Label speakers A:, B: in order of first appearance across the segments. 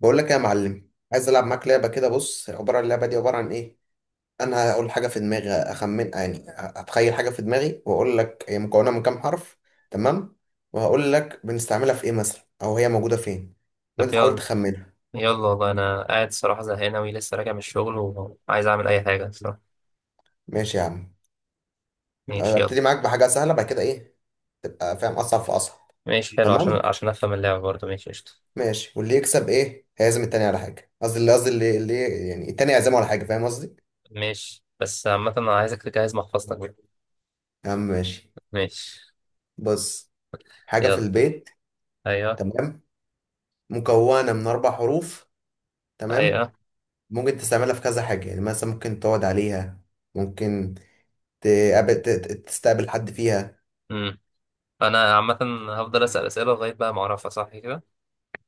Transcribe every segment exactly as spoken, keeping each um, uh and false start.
A: بقول لك إيه يا معلم، عايز العب معاك لعبه كده. بص، عباره اللعبه دي عباره عن ايه؟ انا هقول حاجه في دماغي، اخمن يعني اتخيل حاجه في دماغي، واقول لك هي مكونه من كام حرف. تمام. وهقول لك بنستعملها في ايه مثلا او هي موجوده فين. وانت
B: طب،
A: تحاول
B: يلا
A: تخمنها.
B: يلا والله. انا قاعد صراحة زهقان اوي، لسه راجع من الشغل وعايز اعمل اي حاجة صراحة.
A: ماشي يا عم.
B: ماشي يلا.
A: ابتدي معاك بحاجه سهله، بعد كده ايه تبقى فاهم، اصعب في اصعب.
B: ماشي حلو، عشان
A: تمام.
B: عشان افهم اللعبة برضه، ماشي قشطة.
A: ماشي، واللي يكسب ايه؟ هيعزم التاني على حاجه. قصدي اللي قصدي اللي اللي يعني التاني يعزمه على حاجه، فاهم قصدي؟
B: ماشي، بس عامة انا عايزك تجهز محفظتك بقى.
A: يا عم ماشي.
B: ماشي
A: بص، حاجه في
B: يلا.
A: البيت.
B: ايوه،
A: تمام. مكونة من أربع حروف. تمام.
B: ايوه.
A: ممكن تستعملها في كذا حاجة، يعني مثلا ممكن تقعد عليها. ممكن تقابل ت- ت- تستقبل حد فيها.
B: امم انا عامة هفضل اسأل اسئلة لغاية بقى ما اعرفها صح كده.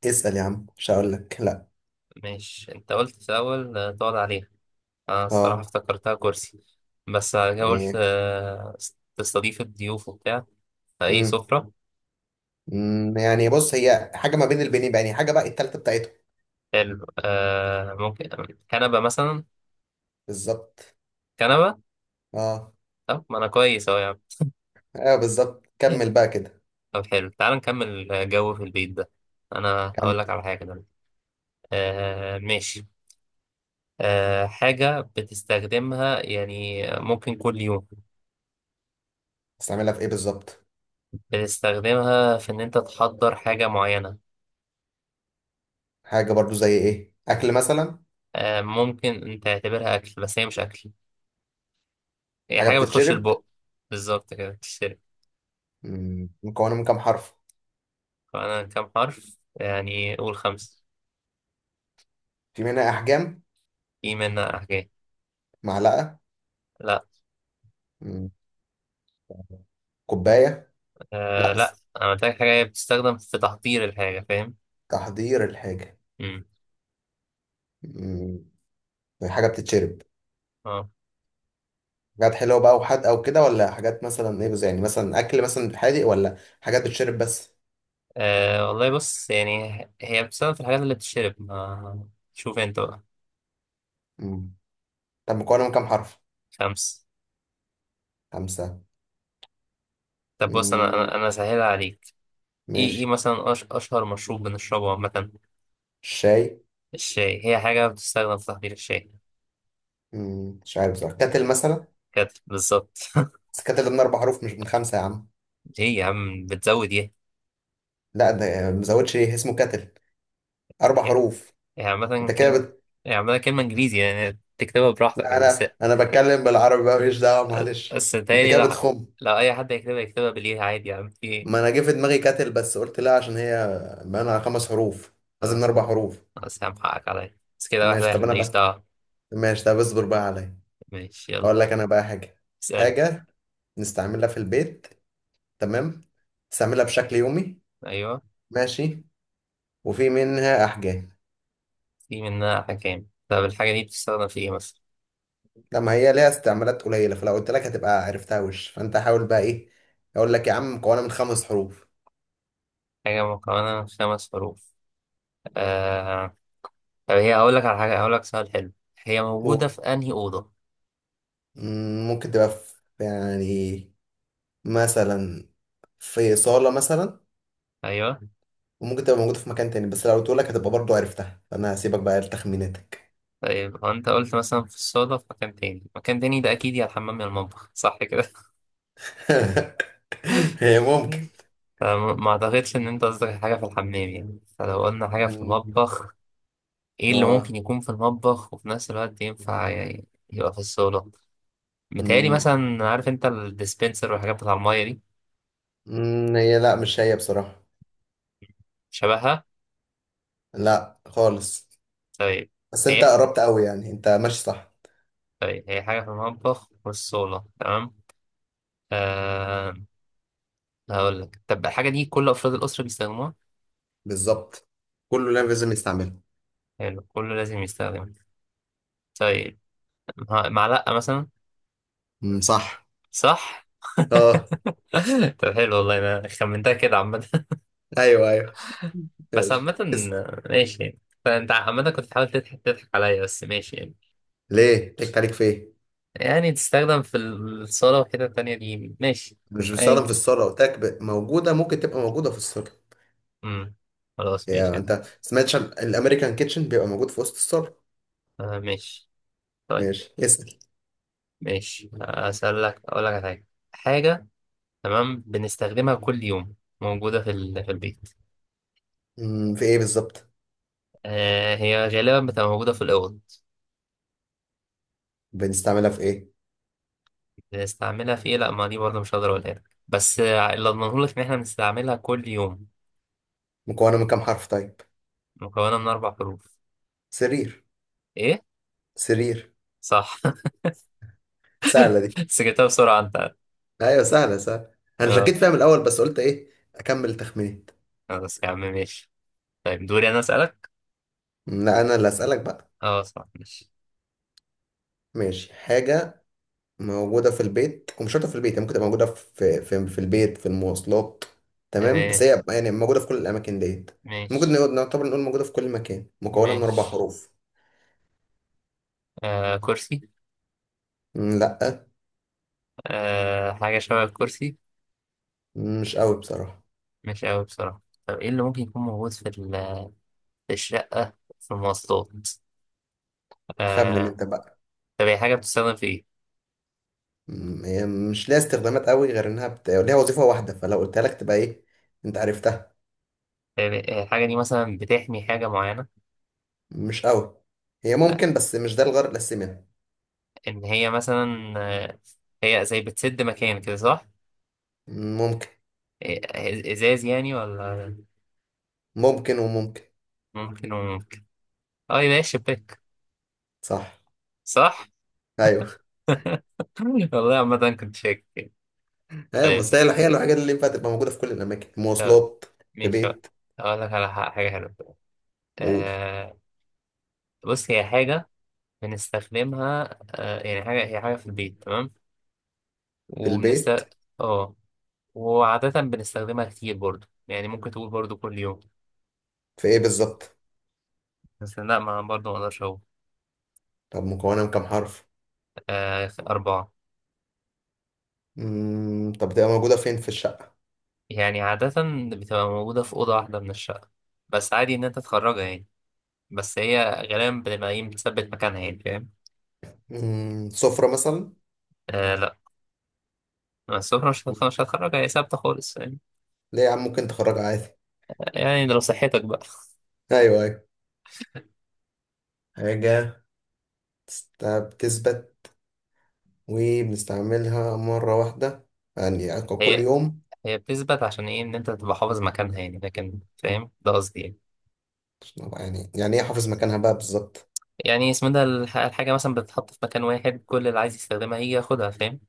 A: اسأل يا عم، مش هقول لك لا.
B: ماشي، انت قلت في الاول آه، تقعد عليها. انا الصراحة
A: اه،
B: افتكرتها كرسي، بس أنا قلت
A: إيه.
B: آه، تستضيف الضيوف وبتاع، فايه
A: مم.
B: سفرة.
A: مم. يعني بص، هي حاجة ما بين البنين بقى، يعني حاجة بقى التالتة بتاعتهم.
B: حلو، آه ممكن كنبة مثلا.
A: بالظبط.
B: كنبة.
A: اه،
B: طب ما أنا كويس أهو يا
A: ايوه بالظبط،
B: عم.
A: كمل بقى كده.
B: طب حلو، تعال نكمل جو في البيت ده. أنا هقول لك
A: كمل.
B: على حاجة دلوقتي. آه ماشي. آه حاجة بتستخدمها يعني ممكن كل يوم.
A: تستعملها في ايه بالظبط؟
B: بتستخدمها في إن أنت تحضر حاجة معينة.
A: حاجة برضو زي ايه؟ أكل مثلا؟
B: آه ممكن أنت تعتبرها أكل، بس هي مش أكل. هي
A: حاجة
B: حاجة بتخش
A: بتتشرب.
B: البق. بالظبط كده، بتشتري.
A: مم. مكونة من كام حرف؟
B: فأنا كام حرف؟ يعني قول خمسة.
A: في منها أحجام.
B: في منها حاجات.
A: معلقة.
B: لا.
A: مم. كوباية. لا،
B: آه لا.
A: بس.
B: انا محتاج حاجه بتستخدم في تحضير الحاجه، فاهم.
A: تحضير الحاجة؟
B: امم.
A: مم، حاجة بتتشرب.
B: اه.
A: حاجات حلوة بقى وحادقة وكده، ولا حاجات مثلا ايه، يعني مثلا أكل مثلا حادق، ولا حاجات بتتشرب بس؟
B: آه، والله بص، يعني هي بتستخدم في الحاجات اللي بتشرب، ما شوف انت بقى.
A: مم. طب مكونة من كام حرف؟
B: خمس.
A: خمسة.
B: طب بص، انا
A: مم.
B: انا انا سهلها عليك. ايه ايه
A: ماشي.
B: مثلا، أش اشهر مشروب بنشربه عامه.
A: الشاي.
B: الشاي. هي حاجه بتستخدم في تحضير الشاي.
A: مم. مش عارف بصراحة، كاتل مثلا.
B: كده بالظبط.
A: بس كاتل ده من أربع حروف مش من خمسة يا عم.
B: ايه يا عم بتزود ايه؟
A: لا ده مزودش. ايه اسمه؟ كاتل. أربع
B: هي
A: حروف.
B: هي عامه
A: أنت كده
B: كلمه
A: بت...
B: هي عامه كلمه انجليزي يعني، تكتبها براحتك
A: لا،
B: يعني بس.
A: أنا أنا بتكلم بالعربي بقى، ماليش دعوة. معلش
B: بس
A: أنت
B: تهيألي
A: كده
B: لو
A: بتخم.
B: لو اي حد يكتبها يكتبها بالايه عادي يعني، في
A: ما
B: إيه؟
A: انا جه في دماغي كاتل، بس قلت لا عشان هي بقى على خمس حروف. قصدي من
B: خلاص.
A: اربع حروف.
B: خلاص يا عم، حقك عليا، بس كده واحدة
A: ماشي،
B: واحد
A: طب انا
B: ماليش
A: بقى.
B: دعوة.
A: ماشي، طب اصبر بقى عليا.
B: ماشي يلا.
A: اقول لك انا بقى حاجه.
B: اسأل.
A: حاجه نستعملها في البيت. تمام. نستعملها بشكل يومي.
B: أيوه.
A: ماشي. وفي منها احجام.
B: في منها أحكام. طب الحاجة دي بتستخدم في إيه مثلا؟
A: لما هي ليها استعمالات قليله، فلو قلت لك هتبقى عرفتها وش، فانت حاول بقى ايه. اقول لك يا عم، مكونه من خمس حروف.
B: حاجة مكونة من خمس حروف. آه... طب هي، هقول لك على حاجة، هقول لك سؤال حلو. هي موجودة
A: و-
B: في أنهي أوضة؟
A: مم، ممكن تبقى في، يعني مثلا في صاله مثلا.
B: أيوه.
A: وممكن تبقى موجودة في مكان تاني، بس لو قلت لك هتبقى برضو عرفتها، فأنا هسيبك بقى لتخميناتك.
B: طيب، هو أنت قلت مثلا في الصالة، في مكان تاني. مكان تاني ده أكيد يا الحمام يا المطبخ، صح كده؟
A: هي ممكن.
B: فما ما أعتقدش إن أنت قصدك حاجة في الحمام، يعني فلو قلنا حاجة في
A: مم.
B: المطبخ. ايه اللي
A: اه.
B: ممكن يكون في المطبخ وفي نفس الوقت ينفع ي- يبقى في الصالة؟ متهيألي
A: مم.
B: مثلا، عارف انت الديسبنسر والحاجات بتاع المية دي.
A: مم. هي لا، مش هي بصراحة.
B: شبهها.
A: لا خالص.
B: طيب،
A: بس انت
B: هي
A: قربت قوي، يعني انت ماشي صح.
B: طيب هي حاجة في المطبخ وفي الصالة، تمام. آه. هقول لك، طب الحاجة دي كل أفراد الأسرة بيستخدموها.
A: بالظبط. كله لا لازم يستعمله.
B: حلو، كله لازم يستخدمها. طيب. مع- معلقة مثلا.
A: مم. صح.
B: صح.
A: اه.
B: طب حلو، والله أنا خمنتها كده عامة.
A: ايوه ايوه.
B: بس عامة،
A: ماشي اس-
B: ماشي يعني. فأنت عامة كنت بتحاول تضحك تضحك عليا، بس ماشي يعني.
A: ليه؟ تك عليك في ايه؟
B: يعني تستخدم في الصالة وحتة تانية دي، ماشي.
A: مش
B: أيا
A: بتستخدم في
B: كان.
A: الصالة، قلت لك ب- موجودة، ممكن تبقى موجودة في الصالة.
B: أمم، خلاص ماشي
A: يعني
B: يا عم.
A: انت سمعتش عن الامريكان كيتشن، بيبقى موجود في وسط الصالة.
B: آه ماشي. طيب.
A: ماشي اسأل.
B: ماشي أسألك. أقول لك على حاجة. حاجة، تمام بنستخدمها كل يوم، موجودة في ال- في البيت.
A: مم، في ايه بالظبط؟
B: آه، هي غالبا بتبقى موجودة في الأوض.
A: بنستعملها في ايه؟
B: بنستعملها في إيه؟ لأ، ما دي برضه مش هقدر أقولها لك. بس آه، اللي أضمنه لك إن إحنا بنستعملها كل يوم.
A: مكونه من كام حرف طيب؟
B: مكونة من أربع حروف.
A: سرير.
B: إيه؟
A: سرير.
B: صح.
A: سهله دي.
B: بس جبتها بسرعة أنت.
A: ايوه سهله سهله. انا شكيت
B: آه.
A: فيها من الاول، بس قلت ايه اكمل تخمينات.
B: خلاص يا عم ماشي. طيب، دوري أنا أسألك؟
A: مم، لا انا اللي اسالك بقى.
B: أه صح، ماشي.
A: ماشي، حاجه موجوده في البيت، ومش شرط في البيت، هي ممكن تبقى موجوده في في في البيت، في المواصلات. تمام، بس
B: تمام.
A: هي يعني موجوده في كل الاماكن ديت. ممكن
B: ماشي.
A: نقول، نعتبر نقول موجوده في كل مكان، مكونه من اربع
B: ماشي.
A: حروف.
B: آه كرسي.
A: مم، لا.
B: آه حاجة شبه الكرسي.
A: مم، مش قوي بصراحه.
B: مش أوي بصراحة. طب إيه اللي ممكن يكون موجود في ال- في الشقة، في المواصلات.
A: خمن
B: آه.
A: انت بقى.
B: طب هي حاجة بتستخدم في إيه؟
A: مم، هي مش ليها استخدامات قوي، غير انها بت... ليها وظيفة واحدة، فلو قلتها لك تبقى ايه، انت عرفتها.
B: يعني آه، الحاجة دي مثلا بتحمي حاجة معينة.
A: مش قوي. هي
B: آه،
A: ممكن، بس مش ده الغرض الاساسي منها.
B: إن هي مثلا، آه، هي زي بتسد مكان كده، صح؟
A: ممكن.
B: إيه، إزاز يعني ولا؟
A: ممكن وممكن.
B: ممكن وممكن. أه يبقى هي الشباك،
A: صح.
B: صح؟
A: ايوه
B: والله عامة كنت شاكك.
A: ايوه.
B: طيب
A: بس هي الحقيقة الحاجات اللي ينفع تبقى موجودة في كل الاماكن، مواصلات، في
B: ماشي بقى.
A: بيت.
B: أقول لك على ح- حاجة حلوة.
A: قول.
B: آه بص، هي حاجة بنستخدمها آه يعني، حاجة هي حاجة في البيت، تمام.
A: في البيت.
B: وبنست. اه. وعادة بنستخدمها كتير برضو، يعني ممكن تقول برضو كل يوم.
A: في ايه بالظبط؟
B: بس لا، ما برضو ما اقدرش اقول.
A: طب مكونة من كام حرف؟
B: آه أربعة.
A: مم، طب تبقى موجودة فين في الشقة؟
B: يعني عادة بتبقى موجودة في أوضة واحدة من الشقة، بس عادي إن أنت تخرجها يعني. بس هي غالبا بتبقى إيه مثبت مكانها يعني، فاهم.
A: مم، سفرة مثلا.
B: آه لا، السفرة مش هتخ- مش هتخرجها، هي ثابتة خالص يعني.
A: ليه يا عم؟ ممكن تخرجها عادي.
B: يعني ده لو صحتك بقى.
A: ايوه ايوه. حاجة. طب تثبت وبنستعملها مرة واحدة، يعني يعني كل
B: هي
A: يوم.
B: هي بتثبت عشان ايه؟ ان انت تبقى حافظ مكانها يعني، لكن فاهم ده قصدي يعني.
A: عشان أبقى يعني يعني ايه حافظ مكانها بقى بالظبط.
B: يعني اسمه ده الح- الحاجه مثلا بتتحط في مكان واحد، كل اللي عايز يستخدمها هي ياخدها، فاهم.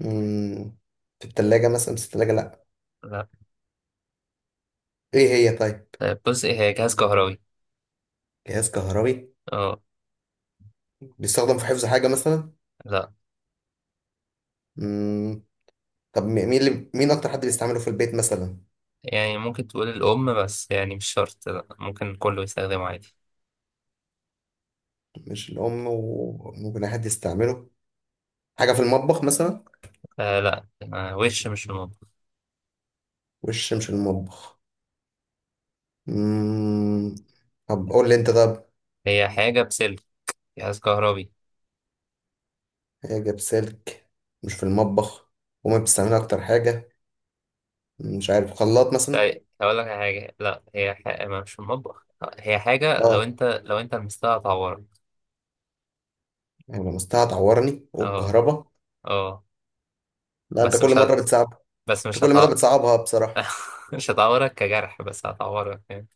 A: مم، في التلاجة مثلا، بس التلاجة لأ.
B: لا.
A: ايه هي طيب؟
B: طيب بص، هي جهاز كهربي.
A: جهاز كهربي.
B: اه.
A: بيستخدم في حفظ حاجة مثلا؟
B: لا.
A: مم، طب مي- مين اللي مين أكتر حد بيستعمله في البيت مثلا؟
B: يعني ممكن تقول الام، بس يعني مش شرط، لا ممكن كله يستخدمه عادي.
A: مش الأم، وممكن أي حد يستعمله. حاجة في المطبخ مثلا؟
B: آه لا. آه وش مش ريموت.
A: وش مش المطبخ. مم، طب قول لي أنت طب.
B: هي حاجه بسلك، جهاز كهربي.
A: حاجة بسلك، مش في المطبخ، وما بتستعملها أكتر حاجة. مش عارف، خلاط مثلا.
B: طيب هقول لك على حاجه، لا هي حاجة ما مش المطبخ، آه، هي حاجه لو
A: اه.
B: انت لو انت لمستها هتعورك.
A: يعني لمستها هتعورني،
B: اه.
A: والكهرباء.
B: اه.
A: لا انت
B: بس
A: كل
B: مش هت...
A: مره بتصعب.
B: بس
A: انت
B: مش
A: كل مره
B: هتع...
A: بتصعبها بصراحه.
B: مش هتعورك كجرح، بس هتعورك يعني.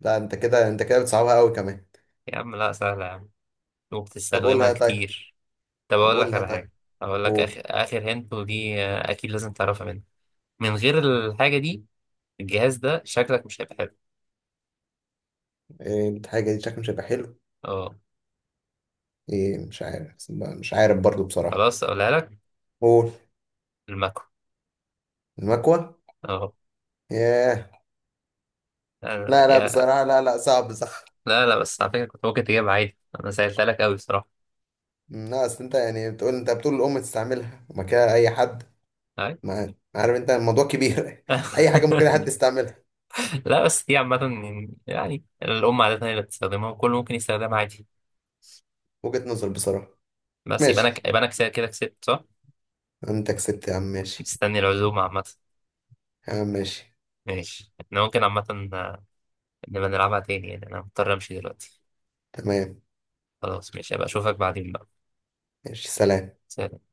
A: لا انت كده انت كده بتصعبها قوي كمان.
B: يا عم لا، سهلة يا عم.
A: طب
B: وبتستخدمها
A: قولها طيب.
B: كتير. طب
A: طب
B: أقول لك
A: قولها
B: على
A: طيب.
B: حاجة. أقول لك
A: قول.
B: آخر آخر هنت، ودي آه، أكيد لازم تعرفها مني. من غير الحاجة دي، الجهاز ده شكلك مش هيبقى حلو.
A: إيه الحاجه دي شكلها مش هيبقى حلو؟
B: أه.
A: ايه، مش عارف مش عارف برضو بصراحه.
B: خلاص أقولها لك.
A: قول.
B: الماكو.
A: المكوه.
B: أه.
A: ياه.
B: آه،
A: لا لا
B: يا.
A: بصراحه، لا لا صعب. صح.
B: لا لا، بس على فكرة كنت ممكن تجيبها عادي، أنا سهلتها لك أوي بصراحة.
A: أمم، لا اصل انت يعني بتقول، انت بتقول الام تستعملها، وما كده اي حد.
B: أي.
A: ما عارف، انت الموضوع كبير. اي حاجه، ممكن اي حد يستعملها.
B: لا بس دي عامة، يعني الأم عادة هي اللي بتستخدمها وكل ممكن يستخدمها عادي.
A: وجهه نظر بصراحه.
B: بس يبقى أنا،
A: ماشي.
B: يبقى أنا كده كده كسبت، صح؟
A: انت كسبت يا عم ماشي.
B: مستني العزومة عامة.
A: يا عم ماشي.
B: ماشي، احنا ممكن عامة نبقى نلعبها تاني، يعني انا مضطر امشي دلوقتي.
A: تمام.
B: خلاص ماشي، ابقى اشوفك بعدين بقى.
A: ماشي سلام.
B: سلام.